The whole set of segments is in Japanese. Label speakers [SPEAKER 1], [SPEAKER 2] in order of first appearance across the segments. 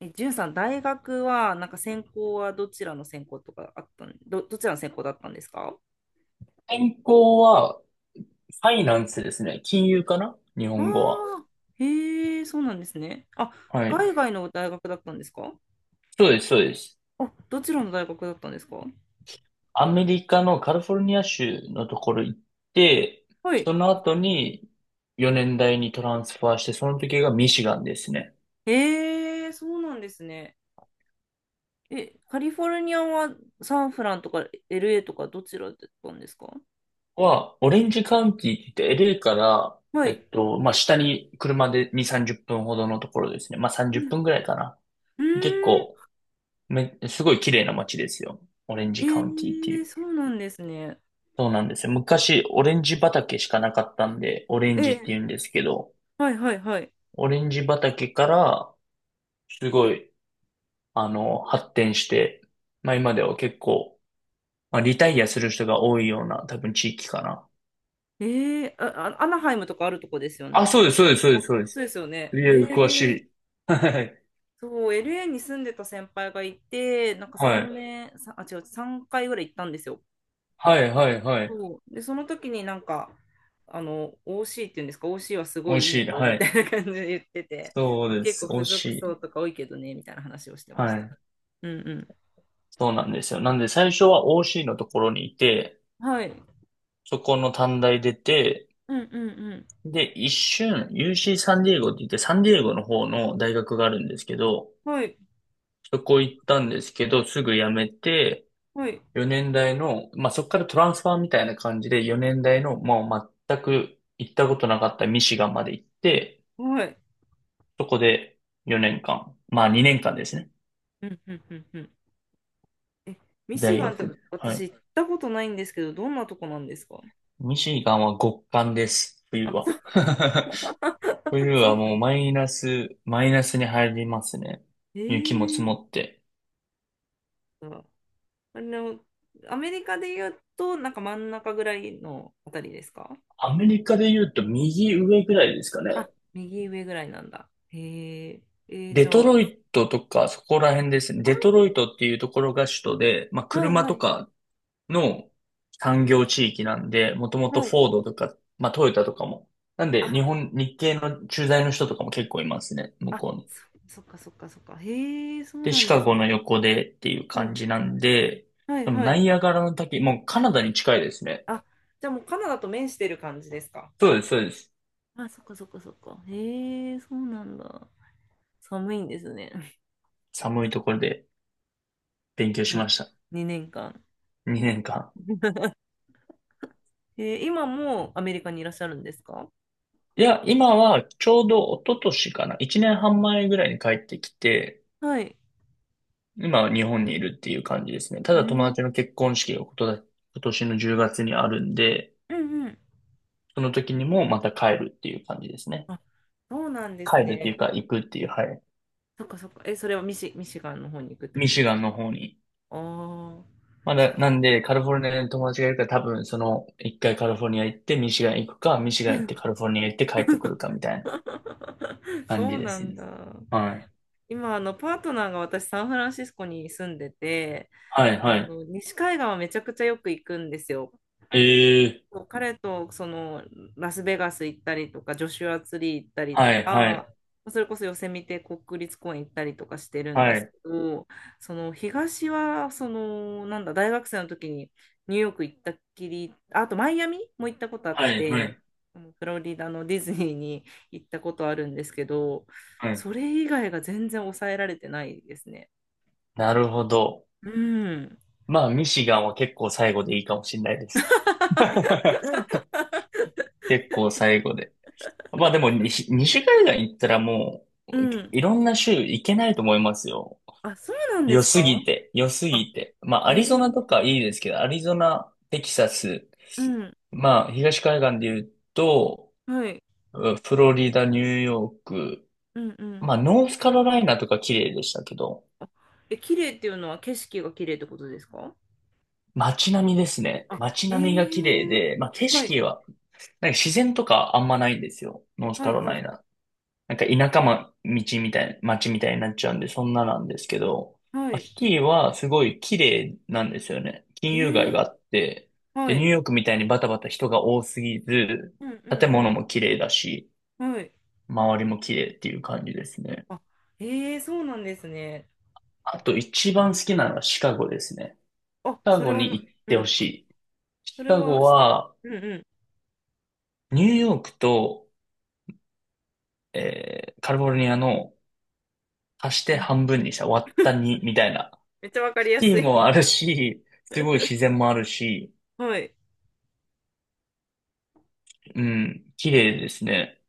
[SPEAKER 1] じゅんさん、大学は、なんか専攻はどちらの専攻とかあったん、ど、どちらの専攻だったんですか？
[SPEAKER 2] 健康は、ファイナンスですね。金融かな日
[SPEAKER 1] あ
[SPEAKER 2] 本語は。
[SPEAKER 1] あー、へえ、そうなんですね。あ、
[SPEAKER 2] はい。
[SPEAKER 1] 海外の大学だったんですか？
[SPEAKER 2] そうです、そうです。
[SPEAKER 1] あ、どちらの大学だったんですか？
[SPEAKER 2] アメリカのカリフォルニア州のところ行って、
[SPEAKER 1] はい。
[SPEAKER 2] その後に4年大にトランスファーして、その時がミシガンですね。
[SPEAKER 1] へえ、そうなんですね。え、カリフォルニアはサンフランとか LA とかどちらだったんですか？
[SPEAKER 2] オレンジカウンティって言って LA から、
[SPEAKER 1] はい。
[SPEAKER 2] まあ、下に車で2、30分ほどのところですね。まあ、
[SPEAKER 1] う
[SPEAKER 2] 30
[SPEAKER 1] ん、
[SPEAKER 2] 分ぐらいかな。
[SPEAKER 1] う
[SPEAKER 2] 結
[SPEAKER 1] ーん、
[SPEAKER 2] 構、すごい綺麗な街ですよ。オレンジ
[SPEAKER 1] え
[SPEAKER 2] カウンティってい
[SPEAKER 1] え、
[SPEAKER 2] う。
[SPEAKER 1] そうなんですね。
[SPEAKER 2] そうなんですよ。昔、オレンジ畑しかなかったんで、オレ
[SPEAKER 1] え
[SPEAKER 2] ンジって
[SPEAKER 1] え、
[SPEAKER 2] 言うんですけど、
[SPEAKER 1] はいはいはい。
[SPEAKER 2] オレンジ畑から、すごい、発展して、まあ今では結構、まあリタイアする人が多いような、多分地域かな。
[SPEAKER 1] ええ、あ、アナハイムとかあるとこですよ
[SPEAKER 2] あ、
[SPEAKER 1] ね。
[SPEAKER 2] そうです、そうです、そうで
[SPEAKER 1] あ、
[SPEAKER 2] す、そうで
[SPEAKER 1] そ
[SPEAKER 2] す。
[SPEAKER 1] うですよ
[SPEAKER 2] い
[SPEAKER 1] ね。
[SPEAKER 2] や、
[SPEAKER 1] へ
[SPEAKER 2] 詳し
[SPEAKER 1] え、
[SPEAKER 2] い。はい。
[SPEAKER 1] そう、LA に住んでた先輩がいて、なんか
[SPEAKER 2] は
[SPEAKER 1] 3
[SPEAKER 2] い。
[SPEAKER 1] 年、さあ、違う、3回ぐらい行ったんですよ。
[SPEAKER 2] はい、はい、はい。
[SPEAKER 1] そう。で、その時になんか、OC っていうんですか、OC はす
[SPEAKER 2] 美
[SPEAKER 1] ご
[SPEAKER 2] 味
[SPEAKER 1] いいい
[SPEAKER 2] しい。
[SPEAKER 1] よ、
[SPEAKER 2] は
[SPEAKER 1] みた
[SPEAKER 2] い。
[SPEAKER 1] いな感じで言ってて、
[SPEAKER 2] そ
[SPEAKER 1] ま
[SPEAKER 2] う
[SPEAKER 1] あ、
[SPEAKER 2] で
[SPEAKER 1] 結
[SPEAKER 2] す。
[SPEAKER 1] 構
[SPEAKER 2] 美
[SPEAKER 1] 付
[SPEAKER 2] 味し
[SPEAKER 1] 属層
[SPEAKER 2] い。
[SPEAKER 1] とか多いけどね、みたいな話をしてまし
[SPEAKER 2] は
[SPEAKER 1] た。
[SPEAKER 2] い。
[SPEAKER 1] うんう
[SPEAKER 2] そうなんですよ。なんで最初は OC のところにいて、
[SPEAKER 1] ん。はい。
[SPEAKER 2] そこの短大出て、
[SPEAKER 1] うんうん
[SPEAKER 2] で、一瞬、UC サンディエゴって言って、サンディエゴの方の大学があるんですけど、
[SPEAKER 1] うん。はい、
[SPEAKER 2] そこ行ったんですけど、すぐ辞めて、
[SPEAKER 1] はい、
[SPEAKER 2] 4年大の、まあ、そこからトランスファーみたいな感じで、4年大の、もう全く行ったことなかったミシガンまで行って、
[SPEAKER 1] はい。
[SPEAKER 2] そこで4年間、まあ2年間ですね。
[SPEAKER 1] うんうんうんうん。え、ミシ
[SPEAKER 2] 大
[SPEAKER 1] ガンって
[SPEAKER 2] 学。はい。
[SPEAKER 1] 私行ったことないんですけど、どんなとこなんですか？
[SPEAKER 2] ミシガンは極寒です、冬は。
[SPEAKER 1] あ、
[SPEAKER 2] 冬
[SPEAKER 1] そ
[SPEAKER 2] は
[SPEAKER 1] う。
[SPEAKER 2] もうマイナスに入りますね。雪も積
[SPEAKER 1] ええ
[SPEAKER 2] もって。
[SPEAKER 1] ーあの、アメリカで言うと、なんか真ん中ぐらいのあたりですか？
[SPEAKER 2] アメリカで言うと右上ぐらいですかね。
[SPEAKER 1] あ、右上ぐらいなんだ。へえ、
[SPEAKER 2] デ
[SPEAKER 1] じ
[SPEAKER 2] ト
[SPEAKER 1] ゃあ、
[SPEAKER 2] ロイトとかそこら辺ですね。
[SPEAKER 1] あ、
[SPEAKER 2] デトロイトっていうところが首都で、まあ
[SPEAKER 1] はい
[SPEAKER 2] 車
[SPEAKER 1] は
[SPEAKER 2] と
[SPEAKER 1] い、
[SPEAKER 2] かの産業地域なんで、もともと
[SPEAKER 1] は
[SPEAKER 2] フ
[SPEAKER 1] い。
[SPEAKER 2] ォードとか、まあトヨタとかも。なんで
[SPEAKER 1] あ、
[SPEAKER 2] 日系の駐在の人とかも結構いますね、向
[SPEAKER 1] あ、
[SPEAKER 2] こうに。
[SPEAKER 1] そ、そっかそっかそっか。へえ、そう
[SPEAKER 2] で、
[SPEAKER 1] な
[SPEAKER 2] シ
[SPEAKER 1] んで
[SPEAKER 2] カ
[SPEAKER 1] す
[SPEAKER 2] ゴ
[SPEAKER 1] ね。
[SPEAKER 2] の横でっていう
[SPEAKER 1] う
[SPEAKER 2] 感
[SPEAKER 1] ん。
[SPEAKER 2] じなんで、
[SPEAKER 1] はい
[SPEAKER 2] その
[SPEAKER 1] は
[SPEAKER 2] ナ
[SPEAKER 1] い。
[SPEAKER 2] イアガラの滝、もうカナダに近いですね。
[SPEAKER 1] あ、じゃあもうカナダと面してる感じですか？
[SPEAKER 2] そうです、そうです。
[SPEAKER 1] あ、そっかそっかそっか。へえ、そうなんだ。寒いんですね。
[SPEAKER 2] 寒いところで勉強 し
[SPEAKER 1] に
[SPEAKER 2] ました。
[SPEAKER 1] 2年間。
[SPEAKER 2] 2年間。
[SPEAKER 1] 今もアメリカにいらっしゃるんですか？
[SPEAKER 2] いや、今はちょうど一昨年かな。一年半前ぐらいに帰ってきて、
[SPEAKER 1] はい。
[SPEAKER 2] 今は日本にいるっていう感じですね。た
[SPEAKER 1] う
[SPEAKER 2] だ友
[SPEAKER 1] ん。
[SPEAKER 2] 達の結婚式がことだ今年の10月にあるんで、
[SPEAKER 1] うんうん、
[SPEAKER 2] その時にもまた帰るっていう感じですね。
[SPEAKER 1] あ、そうなんです
[SPEAKER 2] 帰るっていう
[SPEAKER 1] ね。
[SPEAKER 2] か行くっていう、はい。
[SPEAKER 1] そっかそっか。え、それはミシガンの方に行くってこ
[SPEAKER 2] ミ
[SPEAKER 1] と
[SPEAKER 2] シ
[SPEAKER 1] です
[SPEAKER 2] ガン
[SPEAKER 1] か？
[SPEAKER 2] の方に。
[SPEAKER 1] ああー、
[SPEAKER 2] ま
[SPEAKER 1] そう。
[SPEAKER 2] だ、なんでカリフォルニアに友達がいるから多分その一回カリフォルニア行ってミシガン行くか、ミシガン行ってカリフォルニア行って帰ってくるかみたいな 感
[SPEAKER 1] そ
[SPEAKER 2] じ
[SPEAKER 1] う
[SPEAKER 2] で
[SPEAKER 1] な
[SPEAKER 2] す
[SPEAKER 1] ん
[SPEAKER 2] ね。
[SPEAKER 1] だ。
[SPEAKER 2] はい。
[SPEAKER 1] 今、パートナーが私、サンフランシスコに住んでて、
[SPEAKER 2] はい、はい。
[SPEAKER 1] 西海岸はめちゃくちゃよく行くんですよ。
[SPEAKER 2] ええ
[SPEAKER 1] そう、彼とラスベガス行ったりとか、ジョシュアツリー行ったりと
[SPEAKER 2] はい、はい、
[SPEAKER 1] か、それこそヨセミテ国立公園行ったりとかしてるんで
[SPEAKER 2] は
[SPEAKER 1] す
[SPEAKER 2] い、
[SPEAKER 1] けど、その東はそのなんだ大学生の時にニューヨーク行ったっきり、ああとマイアミも行ったことあっ
[SPEAKER 2] はい、は
[SPEAKER 1] て、
[SPEAKER 2] い。
[SPEAKER 1] フロリダのディズニーに行ったことあるんですけど、
[SPEAKER 2] はい。
[SPEAKER 1] それ以外が全然抑えられてないですね。
[SPEAKER 2] なるほど。
[SPEAKER 1] うん。
[SPEAKER 2] まあ、ミシガンは結構最後でいいかもしれないです。結構最後で。まあでも西海岸行ったらもう、
[SPEAKER 1] うん。
[SPEAKER 2] いろんな州行けないと思いますよ。
[SPEAKER 1] あ、そうなんで
[SPEAKER 2] 良
[SPEAKER 1] す
[SPEAKER 2] すぎ
[SPEAKER 1] か？
[SPEAKER 2] て、良す
[SPEAKER 1] あ、
[SPEAKER 2] ぎて。まあ、
[SPEAKER 1] え
[SPEAKER 2] アリゾナ
[SPEAKER 1] ー
[SPEAKER 2] とかいいですけど、アリゾナ、テキサス、
[SPEAKER 1] うん。
[SPEAKER 2] まあ、東海岸で言うと、
[SPEAKER 1] はい。
[SPEAKER 2] うんフロリダ、ニューヨーク、
[SPEAKER 1] うんうん。
[SPEAKER 2] まあ、ノースカロライナとか綺麗でしたけど、
[SPEAKER 1] あ綺麗っていうのは景色が綺麗ってことですか？
[SPEAKER 2] 街並みですね。
[SPEAKER 1] あ、
[SPEAKER 2] 街
[SPEAKER 1] え
[SPEAKER 2] 並みが綺麗
[SPEAKER 1] え、
[SPEAKER 2] で、まあ景
[SPEAKER 1] はい、
[SPEAKER 2] 色は、なんか自然とかあんまないんですよ。ノース
[SPEAKER 1] は
[SPEAKER 2] カ
[SPEAKER 1] い、
[SPEAKER 2] ロ
[SPEAKER 1] はい、
[SPEAKER 2] ライナ。なんか田舎ま、道みたいな、街みたいになっちゃうんで、そんななんですけど、
[SPEAKER 1] は
[SPEAKER 2] まあ
[SPEAKER 1] い、
[SPEAKER 2] シティはすごい綺麗なんですよね。金
[SPEAKER 1] え
[SPEAKER 2] 融街が
[SPEAKER 1] え、
[SPEAKER 2] あって、
[SPEAKER 1] は
[SPEAKER 2] で、ニュー
[SPEAKER 1] い、
[SPEAKER 2] ヨークみたいにバタバタ人が多すぎず、
[SPEAKER 1] うんう
[SPEAKER 2] 建物も
[SPEAKER 1] ん
[SPEAKER 2] 綺麗だし、
[SPEAKER 1] うん、はい。
[SPEAKER 2] 周りも綺麗っていう感じですね。
[SPEAKER 1] あ、ええ、そうなんですね。
[SPEAKER 2] あと一番好きなのはシカゴですね。
[SPEAKER 1] あ、
[SPEAKER 2] シカ
[SPEAKER 1] それ
[SPEAKER 2] ゴ
[SPEAKER 1] は
[SPEAKER 2] に
[SPEAKER 1] な、
[SPEAKER 2] 行っ
[SPEAKER 1] う
[SPEAKER 2] てほ
[SPEAKER 1] ん、
[SPEAKER 2] しい。
[SPEAKER 1] そ
[SPEAKER 2] シ
[SPEAKER 1] れ
[SPEAKER 2] カ
[SPEAKER 1] は、
[SPEAKER 2] ゴは、
[SPEAKER 1] うんうん、
[SPEAKER 2] ニューヨークとカリフォルニアの足し
[SPEAKER 1] う
[SPEAKER 2] て
[SPEAKER 1] ん、
[SPEAKER 2] 半分にした割った2みたいな。
[SPEAKER 1] めっちゃわかり
[SPEAKER 2] シ
[SPEAKER 1] や
[SPEAKER 2] テ
[SPEAKER 1] す
[SPEAKER 2] ィも
[SPEAKER 1] い。
[SPEAKER 2] あるし、すごい自 然もあるし、
[SPEAKER 1] はい。
[SPEAKER 2] うん、綺麗ですね。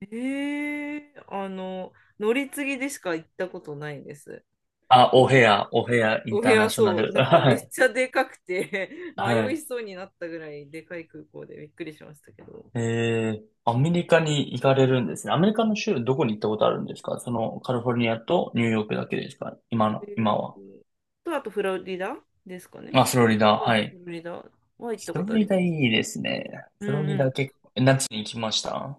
[SPEAKER 1] ええ、乗り継ぎでしか行ったことないです。
[SPEAKER 2] あ、オヘアイン
[SPEAKER 1] お部
[SPEAKER 2] ター
[SPEAKER 1] 屋
[SPEAKER 2] ナショナ
[SPEAKER 1] そう、
[SPEAKER 2] ル。
[SPEAKER 1] なんか
[SPEAKER 2] は
[SPEAKER 1] めっ
[SPEAKER 2] い。
[SPEAKER 1] ちゃでかくて
[SPEAKER 2] は
[SPEAKER 1] 迷い
[SPEAKER 2] い。
[SPEAKER 1] そうになったぐらいでかい空港でびっくりしましたけど。
[SPEAKER 2] え
[SPEAKER 1] う
[SPEAKER 2] アメ
[SPEAKER 1] ん、
[SPEAKER 2] リカに行かれるんですね。アメリカの州どこに行ったことあるんですか？そのカリフォルニアとニューヨークだけですか？
[SPEAKER 1] ニュー
[SPEAKER 2] 今
[SPEAKER 1] ヨー
[SPEAKER 2] は。
[SPEAKER 1] クと、あとフロリダですかね。
[SPEAKER 2] あ、フロリダ、
[SPEAKER 1] は
[SPEAKER 2] は
[SPEAKER 1] い、
[SPEAKER 2] い。
[SPEAKER 1] フロリダは行った
[SPEAKER 2] フ
[SPEAKER 1] こ
[SPEAKER 2] ロ
[SPEAKER 1] とあり
[SPEAKER 2] リダ
[SPEAKER 1] ま
[SPEAKER 2] い
[SPEAKER 1] す。
[SPEAKER 2] いですね。
[SPEAKER 1] う
[SPEAKER 2] フロ
[SPEAKER 1] ん
[SPEAKER 2] リ
[SPEAKER 1] う
[SPEAKER 2] ダ
[SPEAKER 1] ん。
[SPEAKER 2] 結構、夏に行きました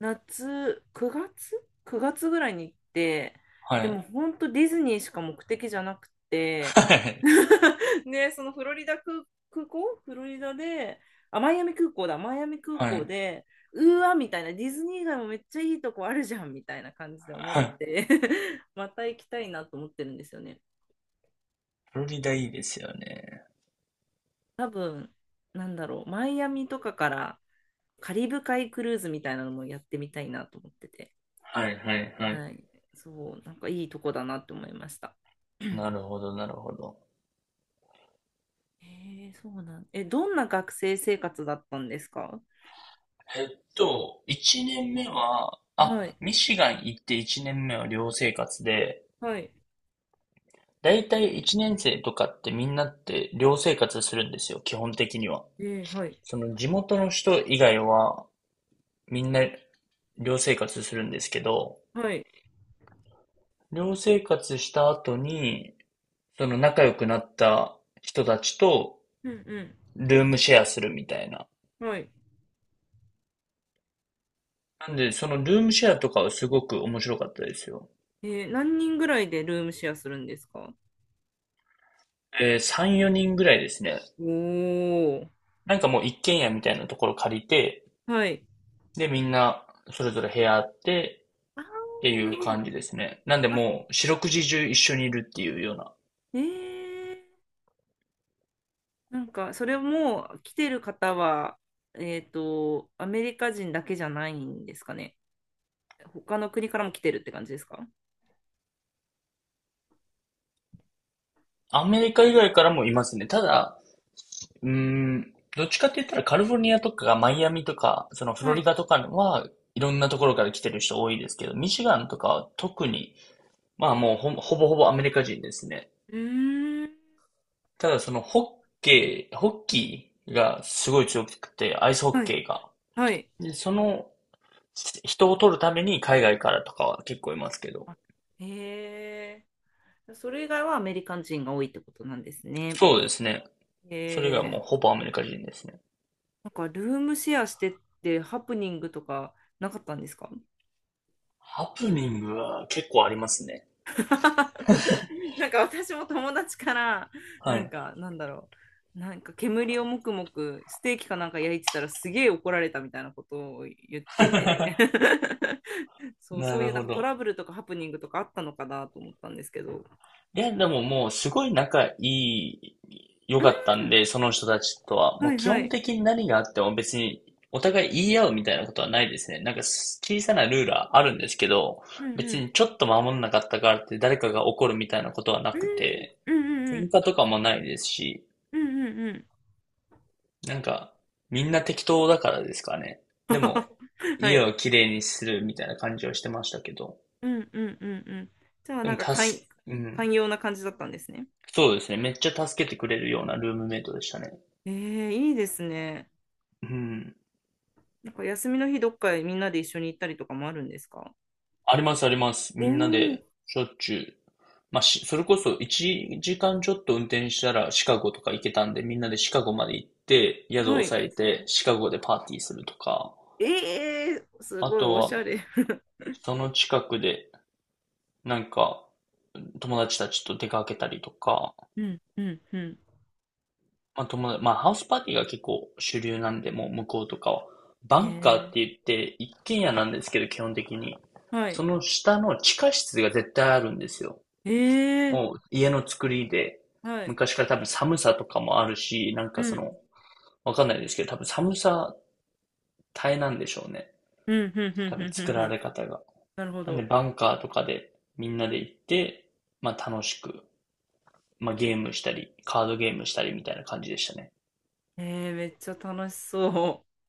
[SPEAKER 1] 夏、9月 ?9 月ぐらいに行って、
[SPEAKER 2] は
[SPEAKER 1] で
[SPEAKER 2] い。
[SPEAKER 1] も本当ディズニーしか目的じゃなくて、
[SPEAKER 2] はい。
[SPEAKER 1] ね、そのフロリダ空、空港フロリダで、あ、マイアミ空港だ、マイアミ空
[SPEAKER 2] は
[SPEAKER 1] 港
[SPEAKER 2] い。
[SPEAKER 1] で、うーわ、みたいな、ディズニー以外もめっちゃいいとこあるじゃん、みたいな感じで思っ
[SPEAKER 2] はい。
[SPEAKER 1] て また行きたいなと思ってるんですよね。
[SPEAKER 2] フロリダいいですよね。
[SPEAKER 1] 多分、なんだろう、マイアミとかからカリブ海クルーズみたいなのもやってみたいなと思ってて。
[SPEAKER 2] はいはいはい。
[SPEAKER 1] はい。そう、なんかいいとこだなって思いました。
[SPEAKER 2] なるほど、なるほど。
[SPEAKER 1] そうなん。え、どんな学生生活だったんですか？
[SPEAKER 2] えっ1年目は、あ、
[SPEAKER 1] はい。
[SPEAKER 2] ミシガン行って1年目は寮生活で、
[SPEAKER 1] はい。
[SPEAKER 2] だいたい1年生とかってみんなって寮生活するんですよ、基本的には。
[SPEAKER 1] はい。
[SPEAKER 2] その地元の人以外はみんな寮生活するんですけど、
[SPEAKER 1] はい。
[SPEAKER 2] 寮生活した後に、その仲良くなった人たちと
[SPEAKER 1] うん
[SPEAKER 2] ルームシェアするみたいな
[SPEAKER 1] うん。はい。
[SPEAKER 2] なんで、そのルームシェアとかはすごく面白かったですよ。
[SPEAKER 1] 何人ぐらいでルームシェアするんですか？
[SPEAKER 2] 3、4人ぐらいですね。
[SPEAKER 1] おー。
[SPEAKER 2] なんかもう一軒家みたいなところ借りて、
[SPEAKER 1] はい。
[SPEAKER 2] で、みんなそれぞれ部屋あって
[SPEAKER 1] あ
[SPEAKER 2] って
[SPEAKER 1] ー、
[SPEAKER 2] い
[SPEAKER 1] なる
[SPEAKER 2] う
[SPEAKER 1] ほど。
[SPEAKER 2] 感じですね。なんで
[SPEAKER 1] あ、
[SPEAKER 2] もう四六時中一緒にいるっていうような。
[SPEAKER 1] えー、なんか、それも来てる方は、アメリカ人だけじゃないんですかね。他の国からも来てるって感じですか？
[SPEAKER 2] アメリカ以外からもいますね。ただ、うーん、どっちかって言ったらカリフォルニアとかマイアミとか、そのフロ
[SPEAKER 1] は
[SPEAKER 2] リ
[SPEAKER 1] い。
[SPEAKER 2] ダとかはいろんなところから来てる人多いですけど、ミシガンとかは特に、まあもうほぼほぼアメリカ人ですね。
[SPEAKER 1] うーん。
[SPEAKER 2] ただそのホッケー、ホッキーがすごい強くて、アイスホッ
[SPEAKER 1] はい。
[SPEAKER 2] ケーが。
[SPEAKER 1] はい。
[SPEAKER 2] で、その人を取るために海外からとかは結構いますけど。
[SPEAKER 1] あへえ、それ以外はアメリカ人が多いってことなんですね。
[SPEAKER 2] そうですね。
[SPEAKER 1] へ
[SPEAKER 2] それが
[SPEAKER 1] え、
[SPEAKER 2] もうほぼアメリカ人ですね。
[SPEAKER 1] なんかルームシェアしてってハプニングとかなかったんですか？
[SPEAKER 2] ハプニングは結構ありますね。
[SPEAKER 1] なんか私も友達からな
[SPEAKER 2] は
[SPEAKER 1] ん
[SPEAKER 2] い。
[SPEAKER 1] かなんだろうなんか煙をもくもくステーキかなんか焼いてたらすげえ怒られたみたいなことを言ってて そう、そ
[SPEAKER 2] な
[SPEAKER 1] うい
[SPEAKER 2] る
[SPEAKER 1] うなん
[SPEAKER 2] ほ
[SPEAKER 1] かト
[SPEAKER 2] ど。
[SPEAKER 1] ラブルとかハプニングとかあったのかなと思ったんですけど。
[SPEAKER 2] いや、でももうすごい仲いい、良
[SPEAKER 1] う
[SPEAKER 2] かったん
[SPEAKER 1] ん、
[SPEAKER 2] で、その人たちとは。も
[SPEAKER 1] は
[SPEAKER 2] う
[SPEAKER 1] い
[SPEAKER 2] 基
[SPEAKER 1] は
[SPEAKER 2] 本
[SPEAKER 1] い。
[SPEAKER 2] 的に何があっても別にお互い言い合うみたいなことはないですね。なんか小さなルールはあるんですけど、
[SPEAKER 1] うんう
[SPEAKER 2] 別
[SPEAKER 1] ん
[SPEAKER 2] にちょっと守んなかったからって誰かが怒るみたいなことはなくて、
[SPEAKER 1] うんう
[SPEAKER 2] 喧
[SPEAKER 1] ん
[SPEAKER 2] 嘩とかもないですし、
[SPEAKER 1] うんうんうんうん
[SPEAKER 2] なんかみんな適当だからですかね。でも
[SPEAKER 1] うん、は
[SPEAKER 2] 家
[SPEAKER 1] い。
[SPEAKER 2] をきれいにするみたいな感じはしてましたけど、
[SPEAKER 1] うんうんうんうん。じゃあ
[SPEAKER 2] で
[SPEAKER 1] なん
[SPEAKER 2] も
[SPEAKER 1] か
[SPEAKER 2] うん。
[SPEAKER 1] 寛容な感じだったんですね。
[SPEAKER 2] そうですね。めっちゃ助けてくれるようなルームメイトでしたね。
[SPEAKER 1] いいですね。
[SPEAKER 2] うん。
[SPEAKER 1] なんか休みの日どっかへみんなで一緒に行ったりとかもあるんですか？
[SPEAKER 2] ありますあります。
[SPEAKER 1] おお
[SPEAKER 2] みんな
[SPEAKER 1] ー、
[SPEAKER 2] でしょっちゅう。まあ、それこそ1時間ちょっと運転したらシカゴとか行けたんで、みんなでシカゴまで行って、宿を
[SPEAKER 1] はい。
[SPEAKER 2] 抑えて、シカゴでパーティーするとか、
[SPEAKER 1] ええー、す
[SPEAKER 2] あ
[SPEAKER 1] ごい
[SPEAKER 2] と
[SPEAKER 1] おしゃ
[SPEAKER 2] は、
[SPEAKER 1] れ。
[SPEAKER 2] その近くで、なんか、友達たちと出かけたりとか、
[SPEAKER 1] うんうんうん。
[SPEAKER 2] まあ、友達、まあ、ハウスパーティーが結構主流なんで、もう向こうとかは。バンカーって
[SPEAKER 1] え
[SPEAKER 2] 言って、一軒家なんですけど、基本的に。
[SPEAKER 1] はい。
[SPEAKER 2] その下の地下室が絶対あるんですよ。
[SPEAKER 1] え
[SPEAKER 2] もう家の作りで、
[SPEAKER 1] はい。
[SPEAKER 2] 昔から多分寒さとかもあるし、なん
[SPEAKER 1] う
[SPEAKER 2] かそ
[SPEAKER 1] ん
[SPEAKER 2] の、わかんないですけど、多分寒さ耐えなんでしょうね。
[SPEAKER 1] うんうんう
[SPEAKER 2] 多
[SPEAKER 1] ん
[SPEAKER 2] 分
[SPEAKER 1] うんう
[SPEAKER 2] 作
[SPEAKER 1] んう
[SPEAKER 2] ら
[SPEAKER 1] ん。
[SPEAKER 2] れ方が。
[SPEAKER 1] なるほ
[SPEAKER 2] なんで
[SPEAKER 1] ど。
[SPEAKER 2] バンカーとかでみんなで行って、まあ楽しく、まあゲームしたり、カードゲームしたりみたいな感じでしたね。
[SPEAKER 1] めっちゃ楽しそう。